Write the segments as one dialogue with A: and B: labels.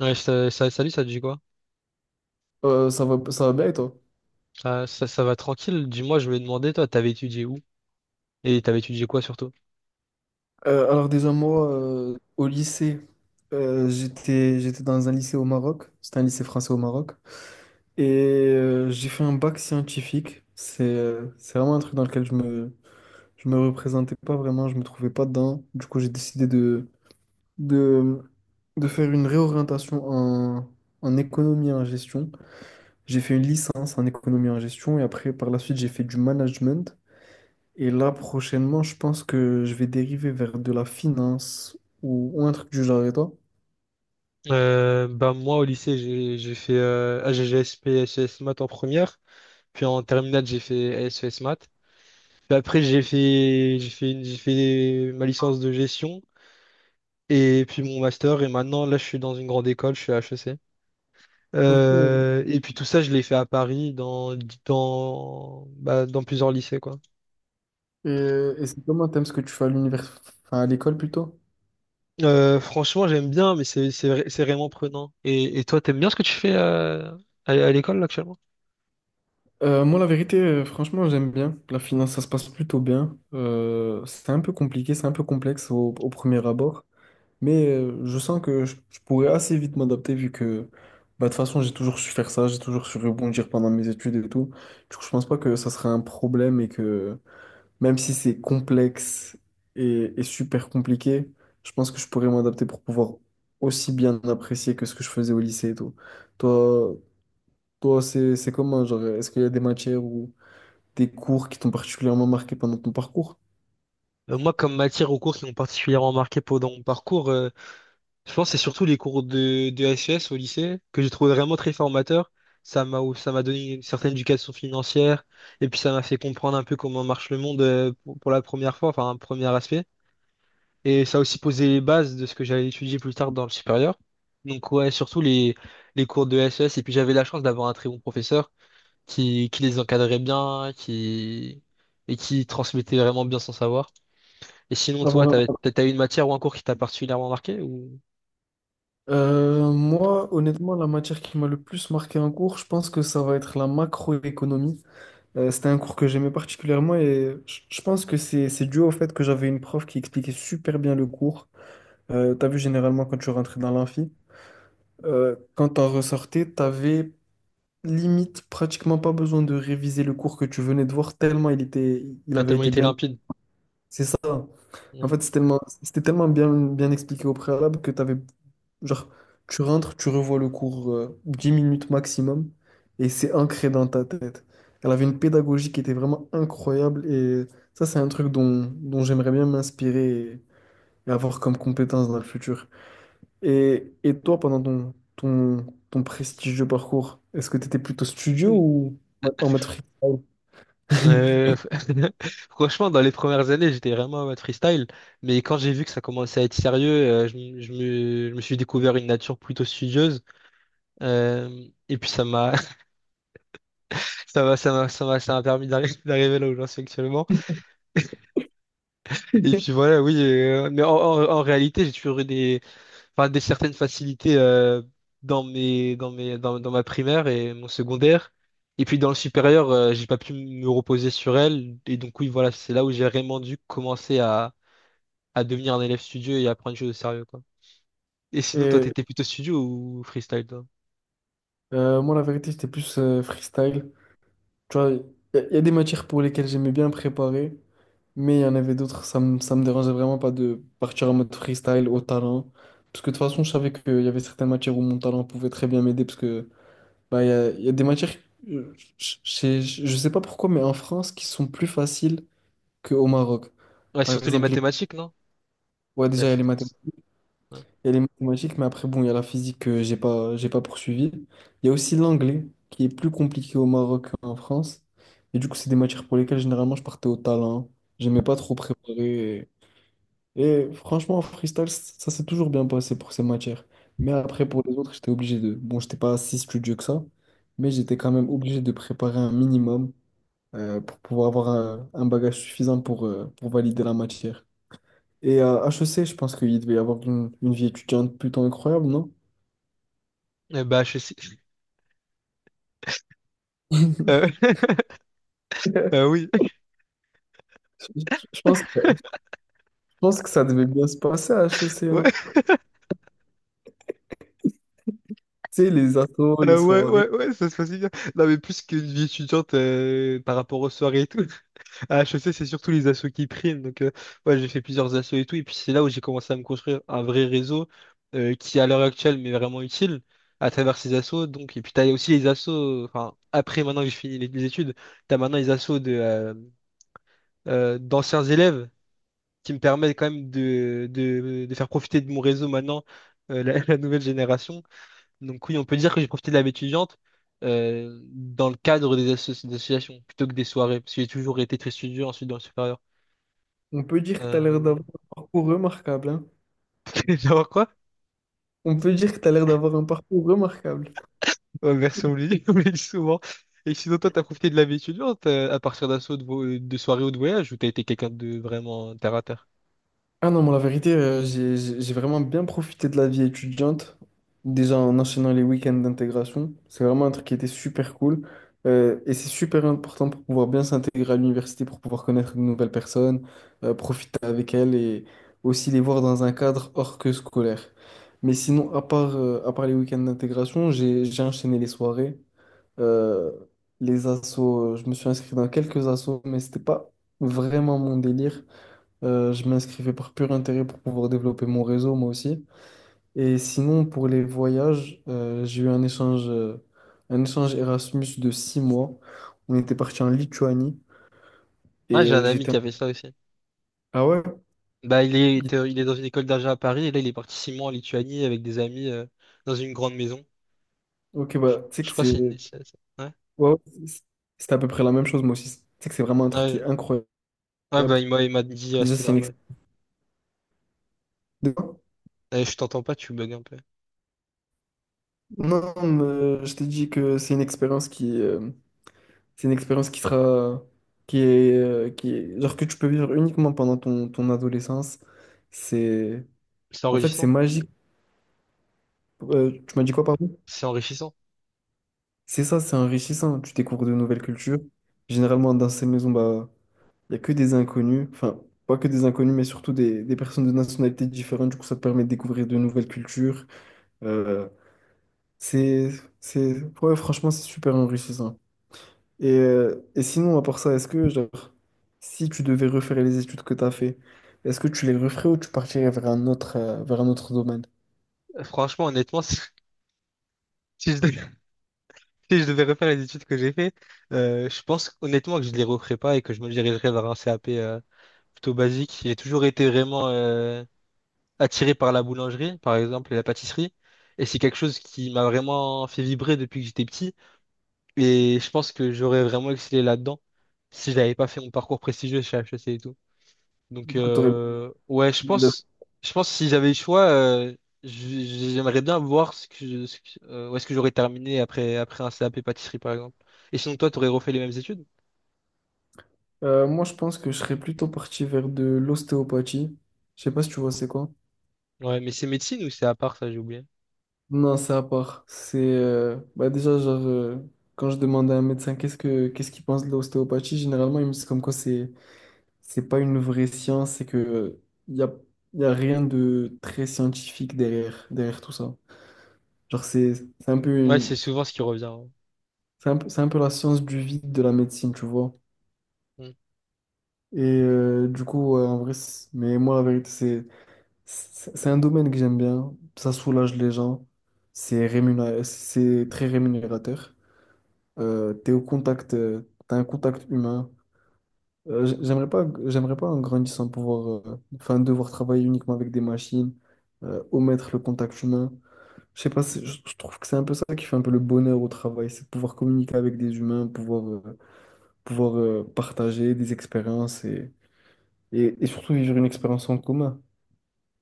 A: Ouais, salut, ça te dit quoi?
B: Ça va, ça va bien et toi?
A: Ça va tranquille? Dis-moi, je voulais demander, toi, t'avais étudié où? Et t'avais étudié quoi surtout?
B: Alors déjà moi, au lycée, j'étais dans un lycée au Maroc, c'était un lycée français au Maroc, et j'ai fait un bac scientifique. C'est vraiment un truc dans lequel je me représentais pas vraiment, je me trouvais pas dedans. Du coup, j'ai décidé de, de faire une réorientation en économie et en gestion. J'ai fait une licence en économie et en gestion, et après, par la suite, j'ai fait du management. Et là, prochainement, je pense que je vais dériver vers de la finance ou un truc du genre. Et toi?
A: Bah moi au lycée j'ai fait AGGSP SES maths en première puis en terminale j'ai fait SES maths puis après j'ai fait ma licence de gestion. Et puis mon master, et maintenant, là, je suis dans une grande école, je suis à HEC.
B: Ok.
A: Et puis tout ça, je l'ai fait à Paris, bah, dans plusieurs lycées, quoi.
B: Et c'est comment t'aimes ce que tu fais à l'univers, enfin, à l'école plutôt?
A: Franchement, j'aime bien, mais c'est vraiment prenant. Et toi, t'aimes bien ce que tu fais à l'école, là, actuellement?
B: Moi, la vérité, franchement, j'aime bien. La finance, ça se passe plutôt bien. C'est un peu compliqué, c'est un peu complexe au premier abord. Mais je sens que je pourrais assez vite m'adapter vu que, bah, de toute façon, j'ai toujours su faire ça, j'ai toujours su rebondir pendant mes études et tout. Du coup, je pense pas que ça serait un problème et que même si c'est complexe et super compliqué, je pense que je pourrais m'adapter pour pouvoir aussi bien apprécier que ce que je faisais au lycée et tout. Toi, Toi, c'est comment, genre, est-ce qu'il y a des matières ou des cours qui t'ont particulièrement marqué pendant ton parcours?
A: Moi, comme matière aux cours qui m'ont particulièrement marqué pendant mon parcours, je pense que c'est surtout les cours de SES au lycée que j'ai trouvé vraiment très formateurs. Ça m'a donné une certaine éducation financière, et puis ça m'a fait comprendre un peu comment marche le monde, pour la première fois, enfin un premier aspect. Et ça a aussi posé les bases de ce que j'allais étudier plus tard dans le supérieur. Donc ouais, surtout les cours de SES. Et puis j'avais la chance d'avoir un très bon professeur qui les encadrait bien, et qui transmettait vraiment bien son savoir. Et sinon,
B: Ah,
A: toi,
B: voilà.
A: t'as eu une matière ou un cours qui t'a particulièrement marqué ou…
B: Moi, honnêtement, la matière qui m'a le plus marqué en cours, je pense que ça va être la macroéconomie. C'était un cours que j'aimais particulièrement et je pense que c'est dû au fait que j'avais une prof qui expliquait super bien le cours. T'as vu, généralement, quand tu rentrais dans l'amphi, quand t'en ressortais, t'avais limite pratiquement pas besoin de réviser le cours que tu venais de voir, tellement il
A: a
B: avait
A: tellement
B: été
A: été
B: bien.
A: limpide.
B: C'est ça. En
A: Ouais.
B: fait, c'était tellement bien, bien expliqué au préalable que t'avais, genre, tu rentres, tu revois le cours 10 minutes maximum et c'est ancré dans ta tête. Elle avait une pédagogie qui était vraiment incroyable et ça, c'est un truc dont j'aimerais bien m'inspirer et avoir comme compétence dans le futur. Et toi, pendant ton prestigieux parcours, est-ce que tu étais plutôt studio
A: Mm.
B: ou ouais, en mode freestyle?
A: Euh, franchement, dans les premières années, j'étais vraiment en mode freestyle, mais quand j'ai vu que ça commençait à être sérieux, je me suis découvert une nature plutôt studieuse, euh, et puis ça m'a permis d'arriver là où j'en suis actuellement. Et puis voilà, oui, mais en réalité, j'ai toujours eu enfin des certaines facilités dans ma primaire et mon secondaire, et puis dans le supérieur, j'ai pas pu me reposer sur elle. Et donc oui, voilà, c'est là où j'ai vraiment dû commencer à devenir un élève studieux et à prendre les choses au sérieux, quoi. Et sinon, toi,
B: Et
A: t'étais plutôt studio ou freestyle, toi?
B: moi, la vérité, j'étais plus freestyle. Tu vois, il y, a y a des matières pour lesquelles j'aimais bien préparer, mais il y en avait d'autres, ça me dérangeait vraiment pas de partir en mode freestyle au talent. Parce que de toute façon, je savais qu'il y avait certaines matières où mon talent pouvait très bien m'aider, parce que bah, y a des matières, euh, je, je, je sais pas pourquoi, mais en France, qui sont plus faciles qu'au Maroc.
A: Ouais,
B: Par
A: surtout les
B: exemple,
A: mathématiques, non?
B: ouais,
A: La
B: déjà, il y a
A: physique. Ouais.
B: il y a les mathématiques, mais après, bon, il y a la physique que j'ai pas poursuivie. Il y a aussi l'anglais, qui est plus compliqué au Maroc qu'en France. Et du coup, c'est des matières pour lesquelles, généralement, je partais au talent. J'aimais pas trop préparer. Et franchement, en freestyle, ça s'est toujours bien passé pour ces matières. Mais après, pour les autres, j'étais obligé de... Bon, j'étais pas si studieux que ça, mais j'étais quand même obligé de préparer un minimum pour pouvoir avoir un bagage suffisant pour valider la matière. Et à HEC, je pense qu'il devait y avoir une vie étudiante plutôt incroyable, non?
A: Eh bah HEC. euh, oui.
B: Je, je pense que, je pense que ça devait bien se passer à HEC, non?
A: Ouais.
B: Tu sais, les assos, les
A: Ouais,
B: soirées.
A: ouais, ouais, ça se passe bien. Non, mais plus qu'une vie étudiante par rapport aux soirées et tout. Ah, je sais, c'est surtout les assos qui priment. Donc, ouais, j'ai fait plusieurs assos et tout. Et puis, c'est là où j'ai commencé à me construire un vrai réseau qui, à l'heure actuelle, m'est vraiment utile à travers ces assos. Donc, et puis, t'as aussi les assos, enfin, après, maintenant que j'ai fini les études, t'as maintenant les assos d'anciens élèves qui me permettent quand même de faire profiter de mon réseau maintenant, la nouvelle génération. Donc, oui, on peut dire que j'ai profité de la vie étudiante, dans le cadre des associations plutôt que des soirées, parce que j'ai toujours été très studieux ensuite dans le supérieur.
B: On peut dire que tu as l'air
A: Voilà.
B: d'avoir un parcours remarquable, hein?
A: D'avoir quoi?
B: On peut dire que tu as l'air d'avoir un parcours remarquable.
A: Ouais, merci, on me le dit, on me le dit souvent. Et sinon, toi, t'as profité de la vie étudiante à partir d'un saut de soirée ou de voyage, ou t'as été quelqu'un de vraiment terre à terre?
B: Ah non, moi, la vérité, j'ai vraiment bien profité de la vie étudiante, déjà en enchaînant les week-ends d'intégration. C'est vraiment un truc qui était super cool. Et c'est super important pour pouvoir bien s'intégrer à l'université, pour pouvoir connaître de nouvelles personnes, profiter avec elles et aussi les voir dans un cadre hors que scolaire. Mais sinon, à part les week-ends d'intégration, j'ai enchaîné les soirées, euh, les assos. Je me suis inscrit dans quelques assos, mais c'était pas vraiment mon délire. Je m'inscrivais par pur intérêt pour pouvoir développer mon réseau, moi aussi. Et sinon, pour les voyages, j'ai eu un échange Erasmus de six mois. On était parti en Lituanie et
A: Ah, j'ai un ami
B: j'étais...
A: qui avait ça aussi.
B: Ah ouais?
A: Bah, il est,
B: Il-
A: il est dans une école d'argent à Paris et là, il est parti 6 mois en Lituanie avec des amis, dans une grande maison.
B: Ok, bah, tu sais
A: Je
B: que
A: crois
B: c'est...
A: que c'est une des…
B: ouais,
A: Ouais.
B: ouais, c'est c'est à peu près la même chose, moi aussi. Tu sais que c'est vraiment un truc qui est
A: Ouais,
B: incroyable.
A: Ouais, bah, il m'a dit,
B: Déjà,
A: c'était
B: c'est
A: pas
B: une...
A: mal.
B: expérience...
A: Eh, je t'entends pas, tu bugs un peu.
B: Non, non, mais je t'ai dit que c'est une expérience c'est une expérience qui est, genre que tu peux vivre uniquement pendant ton adolescence. C'est,
A: C'est
B: en fait, c'est
A: enrichissant.
B: magique. Tu m'as dit quoi, pardon?
A: C'est enrichissant.
B: C'est ça, c'est enrichissant. Tu découvres de nouvelles cultures. Généralement, dans ces maisons, bah, il y a que des inconnus. Enfin, pas que des inconnus, mais surtout des personnes de nationalités différentes. Du coup, ça te permet de découvrir de nouvelles cultures. Euh, c'est, c'est, ouais, franchement, c'est super enrichissant. Et sinon, à part ça, est-ce que, genre, si tu devais refaire les études que tu as fait, est-ce que tu les referais ou tu partirais vers un autre domaine?
A: Franchement, honnêtement, si je Si je devais refaire les études que j'ai fait, je pense honnêtement que je les referais pas et que je me dirigerais vers un CAP, plutôt basique. J'ai toujours été vraiment attiré par la boulangerie, par exemple, et la pâtisserie. Et c'est quelque chose qui m'a vraiment fait vibrer depuis que j'étais petit. Et je pense que j'aurais vraiment excellé là-dedans si j'avais pas fait mon parcours prestigieux chez HEC et tout. Donc
B: Du coup, t'aurais-
A: ouais, je pense que si j'avais le choix, j'aimerais bien voir ce que je- ce que- où est-ce que j'aurais terminé après un CAP pâtisserie, par exemple. Et sinon toi, t'aurais refait les mêmes études?
B: Moi, je pense que je serais plutôt parti vers de l'ostéopathie. Je sais pas si tu vois c'est quoi.
A: Ouais, mais c'est médecine ou c'est à part ça, j'ai oublié.
B: Non, c'est à part. C'est Bah déjà quand je demande à un médecin qu'est-ce qu'il pense de l'ostéopathie, généralement il me dit comme quoi c'est pas une vraie science, c'est que il y a, y a rien de très scientifique derrière tout ça. Genre, c'est un peu
A: Ouais,
B: une,
A: c'est souvent ce qui revient.
B: c'est un peu la science du vide de la médecine, tu vois.
A: Ouais.
B: Et du coup, ouais, en vrai, mais moi, la vérité, c'est un domaine que j'aime bien. Ça soulage les gens. C'est très rémunérateur. Euh, t'es au contact, euh, T'as un contact humain. J'aimerais pas en grandissant pouvoir, enfin, devoir travailler uniquement avec des machines, omettre le contact humain. Je sais pas, je trouve que c'est un peu ça qui fait un peu le bonheur au travail, c'est de pouvoir communiquer avec des humains, pouvoir partager des expériences et surtout vivre une expérience en commun.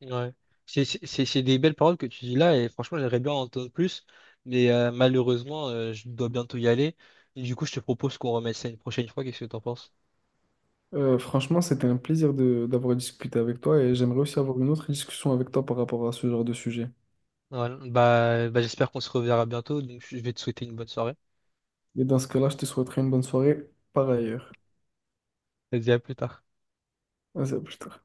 A: Mm. Ouais. C'est des belles paroles que tu dis là et franchement, j'aimerais bien en entendre plus, mais malheureusement, je dois bientôt y aller. Et du coup, je te propose qu'on remette ça une prochaine fois. Qu'est-ce que t'en penses?
B: Franchement, c'était un plaisir d'avoir discuté avec toi et j'aimerais aussi avoir une autre discussion avec toi par rapport à ce genre de sujet.
A: Voilà. Bah, j'espère qu'on se reverra bientôt, donc je vais te souhaiter une bonne soirée.
B: Et dans ce cas-là, je te souhaiterais une bonne soirée par ailleurs.
A: Vas-y, à plus tard.
B: À plus tard.